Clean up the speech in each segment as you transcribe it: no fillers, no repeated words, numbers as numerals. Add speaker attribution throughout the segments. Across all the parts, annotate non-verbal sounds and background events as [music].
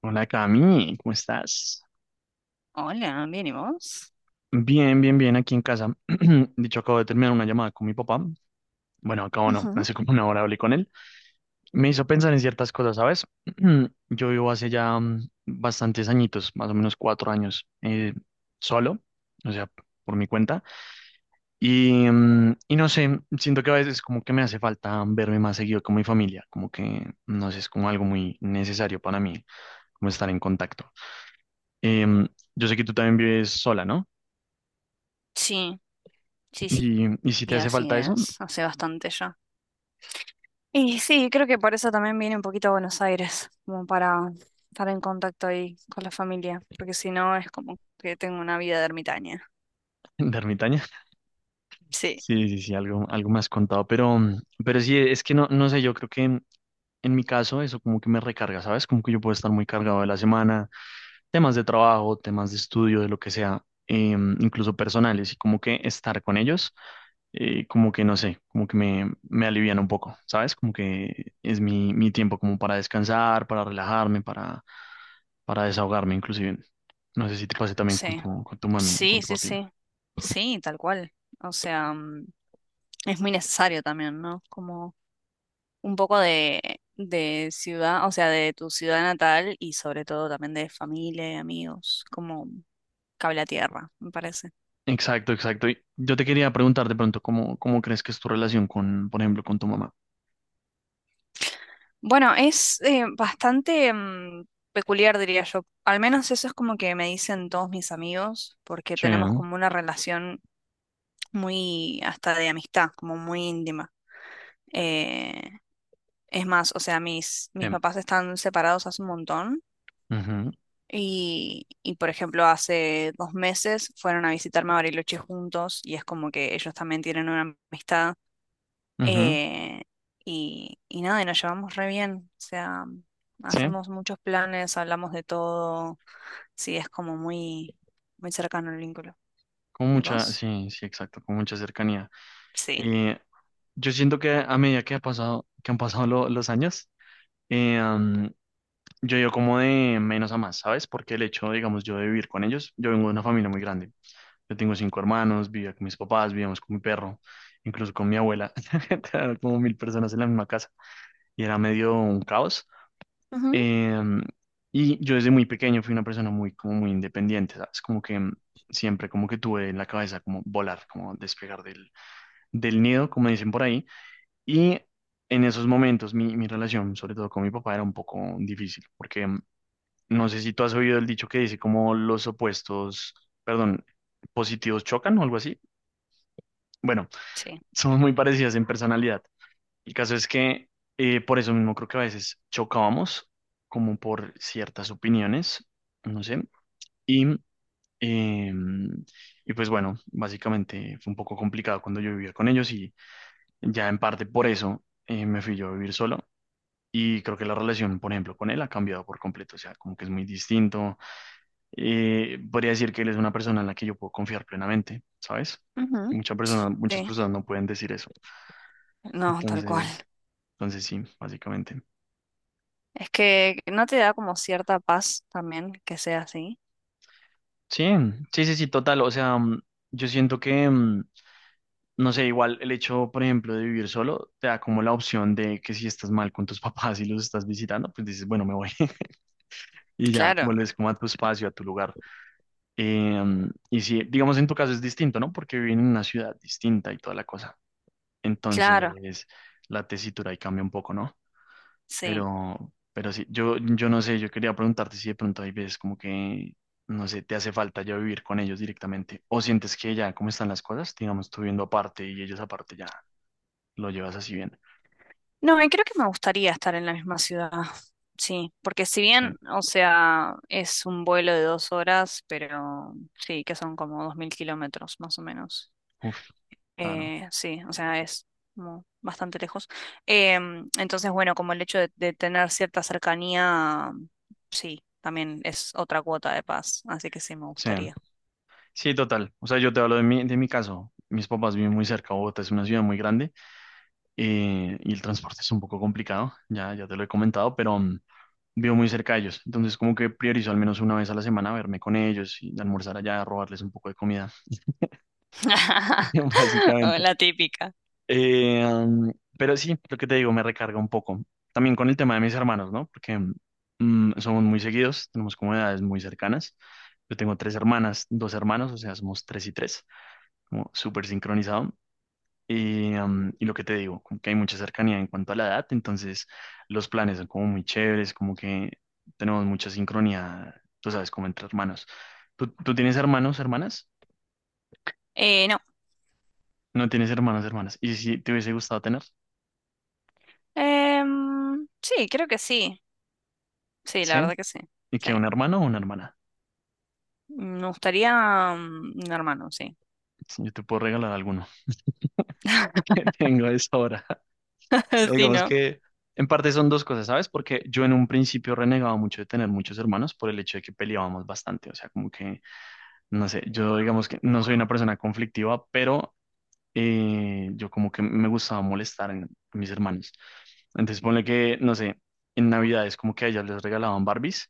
Speaker 1: Hola Cami, ¿cómo estás?
Speaker 2: Hola, bien, ¿y vos?
Speaker 1: Bien, bien, bien, aquí en casa. [clears throat] Dicho, acabo de terminar una llamada con mi papá. Bueno, acabo no,
Speaker 2: Ujú.
Speaker 1: hace como una hora hablé con él. Me hizo pensar en ciertas cosas, ¿sabes? [clears throat] Yo vivo hace ya bastantes añitos, más o menos 4 años, solo, o sea, por mi cuenta. Y no sé, siento que a veces como que me hace falta verme más seguido con mi familia, como que, no sé, es como algo muy necesario para mí, como estar en contacto. Em, yo sé que tú también vives sola, ¿no?
Speaker 2: Sí, sí, sí,
Speaker 1: Y si te
Speaker 2: sí,
Speaker 1: hace
Speaker 2: así
Speaker 1: falta eso,
Speaker 2: es. Hace bastante ya. Y sí, creo que por eso también viene un poquito a Buenos Aires, como para estar en contacto ahí con la familia, porque si no es como que tengo una vida de ermitaña.
Speaker 1: [laughs] de ermitaña.
Speaker 2: Sí,
Speaker 1: Sí, sí, sí, algo más contado, pero, sí, es que no, no sé, yo creo que en mi caso eso como que me recarga, ¿sabes? Como que yo puedo estar muy cargado de la semana, temas de trabajo, temas de estudio, de lo que sea, incluso personales, y como que estar con ellos, como que no sé, como que me alivian un poco, ¿sabes? Como que es mi tiempo como para descansar, para relajarme, para desahogarme inclusive. No sé si te pase también con
Speaker 2: sí,
Speaker 1: tu, con tu mami o con
Speaker 2: sí,
Speaker 1: tu
Speaker 2: sí,
Speaker 1: papi.
Speaker 2: sí. Sí, tal cual. O sea, es muy necesario también, ¿no? Como un poco de ciudad, o sea, de tu ciudad natal y sobre todo también de familia y amigos. Como cable a tierra, me parece.
Speaker 1: Exacto, exacto. Y yo te quería preguntar de pronto cómo crees que es tu relación con, por ejemplo, con tu mamá.
Speaker 2: Bueno, es bastante peculiar, diría yo. Al menos eso es como que me dicen todos mis amigos, porque
Speaker 1: Sí.
Speaker 2: tenemos como una relación muy, hasta de amistad, como muy íntima. Eh, es más, o sea, mis,
Speaker 1: Sí.
Speaker 2: mis papás están separados hace un montón
Speaker 1: Ujú,
Speaker 2: y, por ejemplo, hace 2 meses fueron a visitarme a Bariloche juntos y es como que ellos también tienen una amistad.
Speaker 1: ujú.
Speaker 2: Eh, y nada, y nos llevamos re bien. O sea,
Speaker 1: Sí,
Speaker 2: hacemos muchos planes, hablamos de todo. Sí, es como muy, muy cercano el vínculo.
Speaker 1: con
Speaker 2: ¿Y
Speaker 1: mucha,
Speaker 2: vos?
Speaker 1: sí, sí, exacto, con mucha cercanía.
Speaker 2: Sí.
Speaker 1: Eh, yo siento que a medida que han pasado los años, eh, um, yo he ido como de menos a más, ¿sabes? Porque el hecho, digamos, yo de vivir con ellos, yo vengo de una familia muy grande. Yo tengo cinco hermanos, vivía con mis papás, vivíamos con mi perro, incluso con mi abuela. [laughs] Era como mil personas en la misma casa y era medio un caos.
Speaker 2: Ujú.
Speaker 1: Em, y yo desde muy pequeño fui una persona muy, como muy independiente, ¿sabes? Como que siempre como que tuve en la cabeza como volar, como despegar del, nido, como dicen por ahí. Y en esos momentos mi relación, sobre todo con mi papá, era un poco difícil, porque no sé si tú has oído el dicho que dice como los opuestos, perdón, positivos chocan o algo así. Bueno,
Speaker 2: Sí.
Speaker 1: [laughs] somos muy parecidas en personalidad. El caso es que por eso mismo creo que a veces chocábamos, como por ciertas opiniones, no sé. Y, eh, y pues bueno, básicamente fue un poco complicado cuando yo vivía con ellos y ya en parte por eso me fui yo a vivir solo. Y creo que la relación, por ejemplo, con él ha cambiado por completo, o sea, como que es muy distinto. Podría decir que él es una persona en la que yo puedo confiar plenamente, ¿sabes? Y
Speaker 2: Ujú.
Speaker 1: muchas personas, muchas
Speaker 2: Sí.
Speaker 1: personas no pueden decir eso.
Speaker 2: No, tal cual.
Speaker 1: Entonces, entonces, sí, básicamente.
Speaker 2: Es que no te da como cierta paz también que sea así.
Speaker 1: Sí, sí, sí, sí, total. O sea, yo siento que, no sé, igual el hecho, por ejemplo, de vivir solo, te da como la opción de que si estás mal con tus [laughs] papás y los estás visitando, pues dices, bueno, me voy [laughs] y ya
Speaker 2: Claro.
Speaker 1: vuelves como a tu espacio, a tu lugar. Y sí, digamos, en tu caso es distinto, ¿no? Porque viven en una ciudad distinta y toda la cosa.
Speaker 2: Claro,
Speaker 1: Entonces, la tesitura ahí cambia un poco, ¿no?
Speaker 2: sí.
Speaker 1: Pero sí, yo no sé, yo quería preguntarte si de pronto hay veces como que, no sé, te hace falta ya vivir con ellos directamente, o sientes que ya, ¿cómo están las cosas? Digamos, tú viviendo aparte y ellos aparte ya, lo llevas así bien.
Speaker 2: No, y creo que me gustaría estar en la misma ciudad. Sí, porque si
Speaker 1: Sí.
Speaker 2: bien, o sea, es un vuelo de 2 horas, pero sí, que son como 2.000 kilómetros más o menos.
Speaker 1: Uf, claro.
Speaker 2: Sí, o sea, es como bastante lejos. Entonces, bueno, como el hecho de tener cierta cercanía, sí, también es otra cuota de paz, así que sí, me
Speaker 1: Sí,
Speaker 2: gustaría.
Speaker 1: sí, total. O sea, yo te hablo de mi, caso. Mis papás viven muy cerca, Bogotá es una ciudad muy grande y el transporte es un poco complicado, ya te lo he comentado, pero vivo muy cerca de ellos. Entonces, como que priorizo al menos una vez a la semana verme con ellos y almorzar allá, robarles un poco de comida [laughs]
Speaker 2: [laughs] O
Speaker 1: básicamente.
Speaker 2: la típica.
Speaker 1: Eh, um, pero sí, lo que te digo, me recarga un poco. También con el tema de mis hermanos, ¿no? Porque somos muy seguidos, tenemos como edades muy cercanas. Yo tengo tres hermanas, dos hermanos, o sea, somos tres y tres, como súper sincronizado. Y lo que te digo, como que hay mucha cercanía en cuanto a la edad, entonces los planes son como muy chéveres, como que tenemos mucha sincronía, tú sabes, como entre hermanos. ¿Tú tienes hermanos, hermanas?
Speaker 2: No,
Speaker 1: No tienes hermanos, hermanas. ¿Y si te hubiese gustado tener?
Speaker 2: sí, creo que sí. Sí, la
Speaker 1: Sí.
Speaker 2: verdad que sí.
Speaker 1: ¿Y
Speaker 2: Sí.
Speaker 1: que un hermano o una hermana?
Speaker 2: Me gustaría un hermano, sí.
Speaker 1: Si yo te puedo regalar alguno [laughs] que tengo a esa hora.
Speaker 2: [laughs] Sí,
Speaker 1: Digamos
Speaker 2: ¿no?
Speaker 1: que en parte son dos cosas, ¿sabes? Porque yo en un principio renegaba mucho de tener muchos hermanos por el hecho de que peleábamos bastante. O sea, como que, no sé, yo digamos que no soy una persona conflictiva, pero yo como que me gustaba molestar a mis hermanos. Entonces ponle que, no sé, en Navidades como que a ellas les regalaban Barbies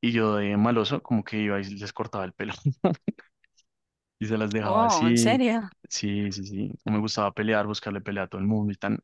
Speaker 1: y yo de maloso como que iba y les cortaba el pelo y se las dejaba
Speaker 2: Wow, ¿en
Speaker 1: así.
Speaker 2: serio?
Speaker 1: Sí, sí, sí. No me gustaba pelear, buscarle pelea a todo el mundo y tan.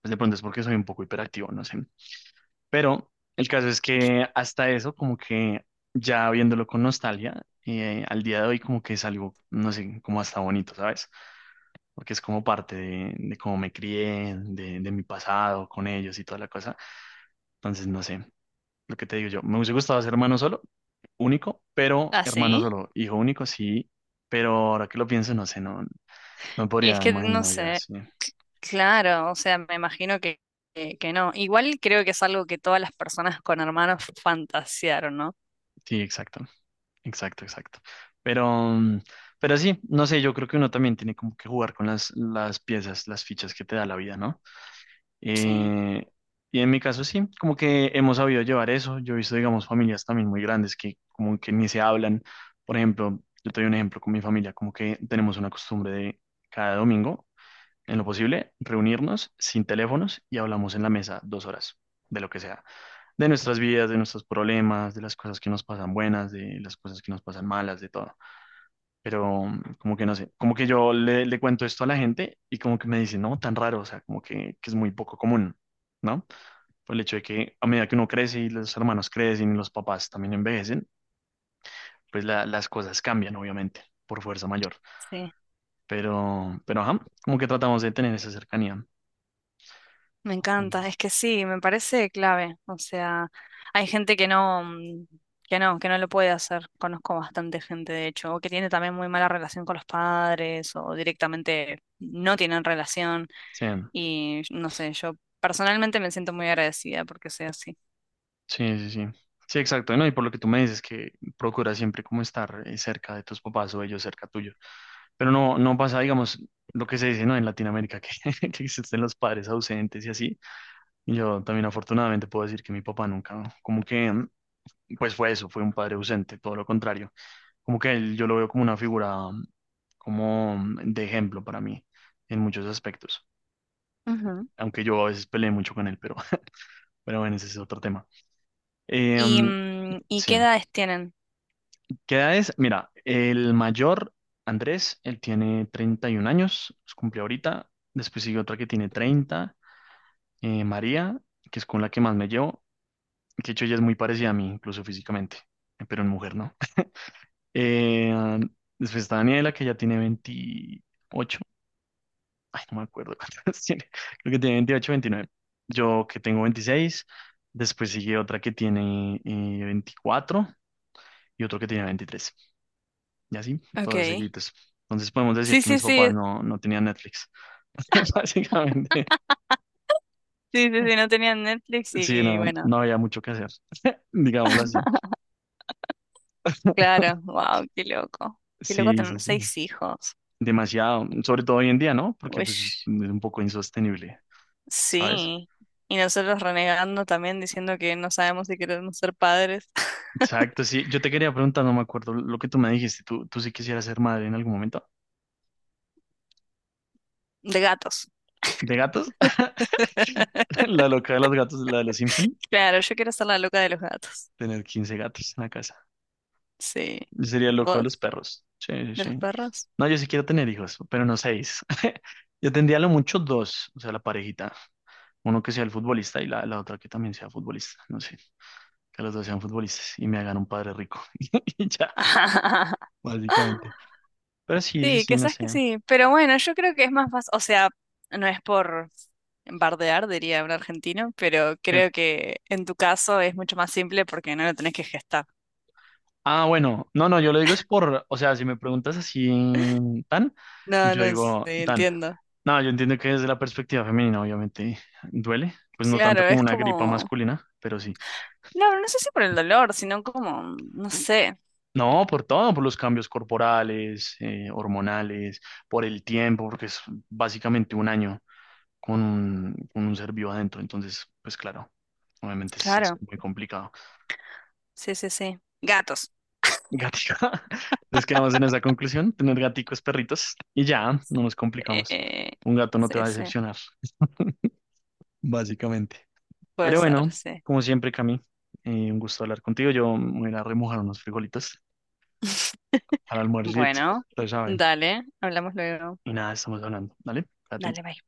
Speaker 1: Pues de pronto es porque soy un poco hiperactivo, no sé. Pero el caso es que hasta eso, como que ya viéndolo con nostalgia, al día de hoy como que es algo, no sé, como hasta bonito, ¿sabes? Porque es como parte de, cómo me crié, de mi pasado con ellos y toda la cosa. Entonces, no sé, lo que te digo yo, me hubiese gustado ser hermano solo, único, pero
Speaker 2: ¿Ah,
Speaker 1: hermano
Speaker 2: sí?
Speaker 1: solo, hijo único, sí, pero ahora que lo pienso, no sé, no, no
Speaker 2: Y
Speaker 1: podría
Speaker 2: es que no
Speaker 1: imaginar, ya,
Speaker 2: sé,
Speaker 1: sí.
Speaker 2: c- claro, o sea, me imagino que no. Igual creo que es algo que todas las personas con hermanos fantasearon, ¿no?
Speaker 1: Sí, exacto, exacto, exacto. Pero, mm, pero sí, no sé, yo creo que uno también tiene como que jugar con las piezas, las fichas que te da la vida, ¿no?
Speaker 2: Sí,
Speaker 1: Eh, y en mi caso sí, como que hemos sabido llevar eso. Yo he visto, digamos, familias también muy grandes que como que ni se hablan. Por ejemplo, yo te doy un ejemplo con mi familia, como que tenemos una costumbre de cada domingo, en lo posible, reunirnos sin teléfonos y hablamos en la mesa 2 horas de lo que sea de nuestras vidas, de nuestros problemas, de las cosas que nos pasan buenas, de las cosas que nos pasan malas, de todo. Pero como que no sé, como que yo le cuento esto a la gente y como que me dicen, no, tan raro, o sea, como que es muy poco común, ¿no? Por el hecho de que a medida que uno crece y los hermanos crecen y los papás también envejecen, pues las cosas cambian, obviamente, por fuerza mayor.
Speaker 2: sí,
Speaker 1: Pero, ajá, como que tratamos de tener esa cercanía.
Speaker 2: me encanta,
Speaker 1: Entonces,
Speaker 2: es que sí, me parece clave. O sea, hay gente que no lo puede hacer. Conozco bastante gente, de hecho, o que tiene también muy mala relación con los padres, o directamente no tienen relación.
Speaker 1: sí.
Speaker 2: Y no sé, yo personalmente me siento muy agradecida porque sea así.
Speaker 1: Sí, sí, sí. Sí, exacto. No, y por lo que tú me dices que procura siempre como estar cerca de tus papás o ellos cerca tuyo. Pero no, no pasa, digamos, lo que se dice, ¿no? En Latinoamérica, que, [laughs] que existen los padres ausentes y así. Y yo también afortunadamente puedo decir que mi papá nunca, como que, pues fue eso, fue un padre ausente, todo lo contrario. Como que él, yo lo veo como una figura, como de ejemplo para mí, en muchos aspectos.
Speaker 2: Ujú.
Speaker 1: Aunque yo a veces peleé mucho con él, pero, [laughs] pero bueno, ese es otro tema. Eh,
Speaker 2: ¿Y,
Speaker 1: mm,
Speaker 2: mm, ¿y
Speaker 1: sí.
Speaker 2: qué edades tienen?
Speaker 1: ¿Qué edad es? Mira, el mayor, Andrés, él tiene 31 años, los cumple ahorita. Después sigue otra que tiene 30, María, que es con la que más me llevo, que de hecho ella es muy parecida a mí, incluso físicamente, pero en mujer no. [laughs] Eh, después está Daniela, que ya tiene 28, ay, no me acuerdo cuántas [laughs] tiene, creo que tiene 28, 29. Yo que tengo 26. Después sigue otra que tiene 24 y otro que tiene 23. Y así,
Speaker 2: Ok.
Speaker 1: todos seguidos. Entonces podemos decir
Speaker 2: Sí,
Speaker 1: que
Speaker 2: sí,
Speaker 1: mis papás
Speaker 2: sí,
Speaker 1: no, no tenían Netflix. [laughs] Básicamente,
Speaker 2: sí, sí, sí, no tenían Netflix
Speaker 1: sí,
Speaker 2: y
Speaker 1: no, no
Speaker 2: bueno,
Speaker 1: había mucho que hacer, digámoslo así.
Speaker 2: claro,
Speaker 1: [laughs]
Speaker 2: wow, qué loco. Qué loco
Speaker 1: Sí, sí,
Speaker 2: tener
Speaker 1: sí,
Speaker 2: seis hijos.
Speaker 1: demasiado, sobre todo hoy en día, ¿no? Porque pues es
Speaker 2: Uish,
Speaker 1: un poco insostenible, ¿sabes?
Speaker 2: sí. Y nosotros renegando también diciendo que no sabemos si queremos ser padres [laughs]
Speaker 1: Exacto, sí. Yo te quería preguntar, no me acuerdo lo que tú me dijiste. ¿Tú sí quisieras ser madre en algún momento?
Speaker 2: de gatos.
Speaker 1: ¿De gatos?
Speaker 2: [laughs]
Speaker 1: [laughs] La loca de los gatos, la de los Simpson.
Speaker 2: Claro, yo quiero ser la loca de los gatos.
Speaker 1: Tener 15 gatos en la casa.
Speaker 2: Sí.
Speaker 1: Yo sería el loco de
Speaker 2: ¿Vos?
Speaker 1: los perros. Sí, sí,
Speaker 2: ¿De los
Speaker 1: sí.
Speaker 2: perros?
Speaker 1: No, yo sí quiero tener hijos, pero no seis. [laughs] Yo tendría a lo mucho dos, o sea, la parejita. Uno que sea el futbolista y la otra que también sea futbolista. No sé, que los dos sean futbolistas y me hagan un padre rico. [laughs] Y ya,
Speaker 2: [laughs]
Speaker 1: básicamente. Pero sí, sí,
Speaker 2: Sí,
Speaker 1: sí, no
Speaker 2: quizás
Speaker 1: sé.
Speaker 2: que sí, pero bueno, yo creo que es más fácil, o sea, no es por bardear, diría un argentino, pero
Speaker 1: Sí.
Speaker 2: creo que en tu caso es mucho más simple porque no lo tenés que gestar.
Speaker 1: Ah, bueno, no, no, yo lo digo es por, o sea, si me preguntas así, tan,
Speaker 2: No,
Speaker 1: yo
Speaker 2: no, sí,
Speaker 1: digo, tan.
Speaker 2: entiendo.
Speaker 1: No, yo entiendo que desde la perspectiva femenina, obviamente, duele. Pues no tanto
Speaker 2: Claro,
Speaker 1: como
Speaker 2: es
Speaker 1: una gripa
Speaker 2: como,
Speaker 1: masculina, pero sí.
Speaker 2: no, no sé si por el dolor, sino como, no sé,
Speaker 1: No, por todo, por los cambios corporales, hormonales, por el tiempo, porque es básicamente un año con un, ser vivo adentro. Entonces, pues claro, obviamente es
Speaker 2: claro,
Speaker 1: muy complicado.
Speaker 2: sí, sí, sí. Gatos.
Speaker 1: Gatica, [laughs] les quedamos en esa conclusión, tener gaticos, perritos, y ya, no nos complicamos.
Speaker 2: Eh,
Speaker 1: Un gato no te va
Speaker 2: sí,
Speaker 1: a
Speaker 2: sí,
Speaker 1: decepcionar, [laughs] básicamente.
Speaker 2: puede
Speaker 1: Pero
Speaker 2: ser,
Speaker 1: bueno,
Speaker 2: sí.
Speaker 1: como siempre, Cami, un gusto hablar contigo. Yo me voy a ir a remojar unos frijolitos al almuerzo,
Speaker 2: Bueno,
Speaker 1: ya saben.
Speaker 2: dale, hablamos luego.
Speaker 1: Y nada, estamos hablando, ¿vale? Cuídate.
Speaker 2: Dale, bye.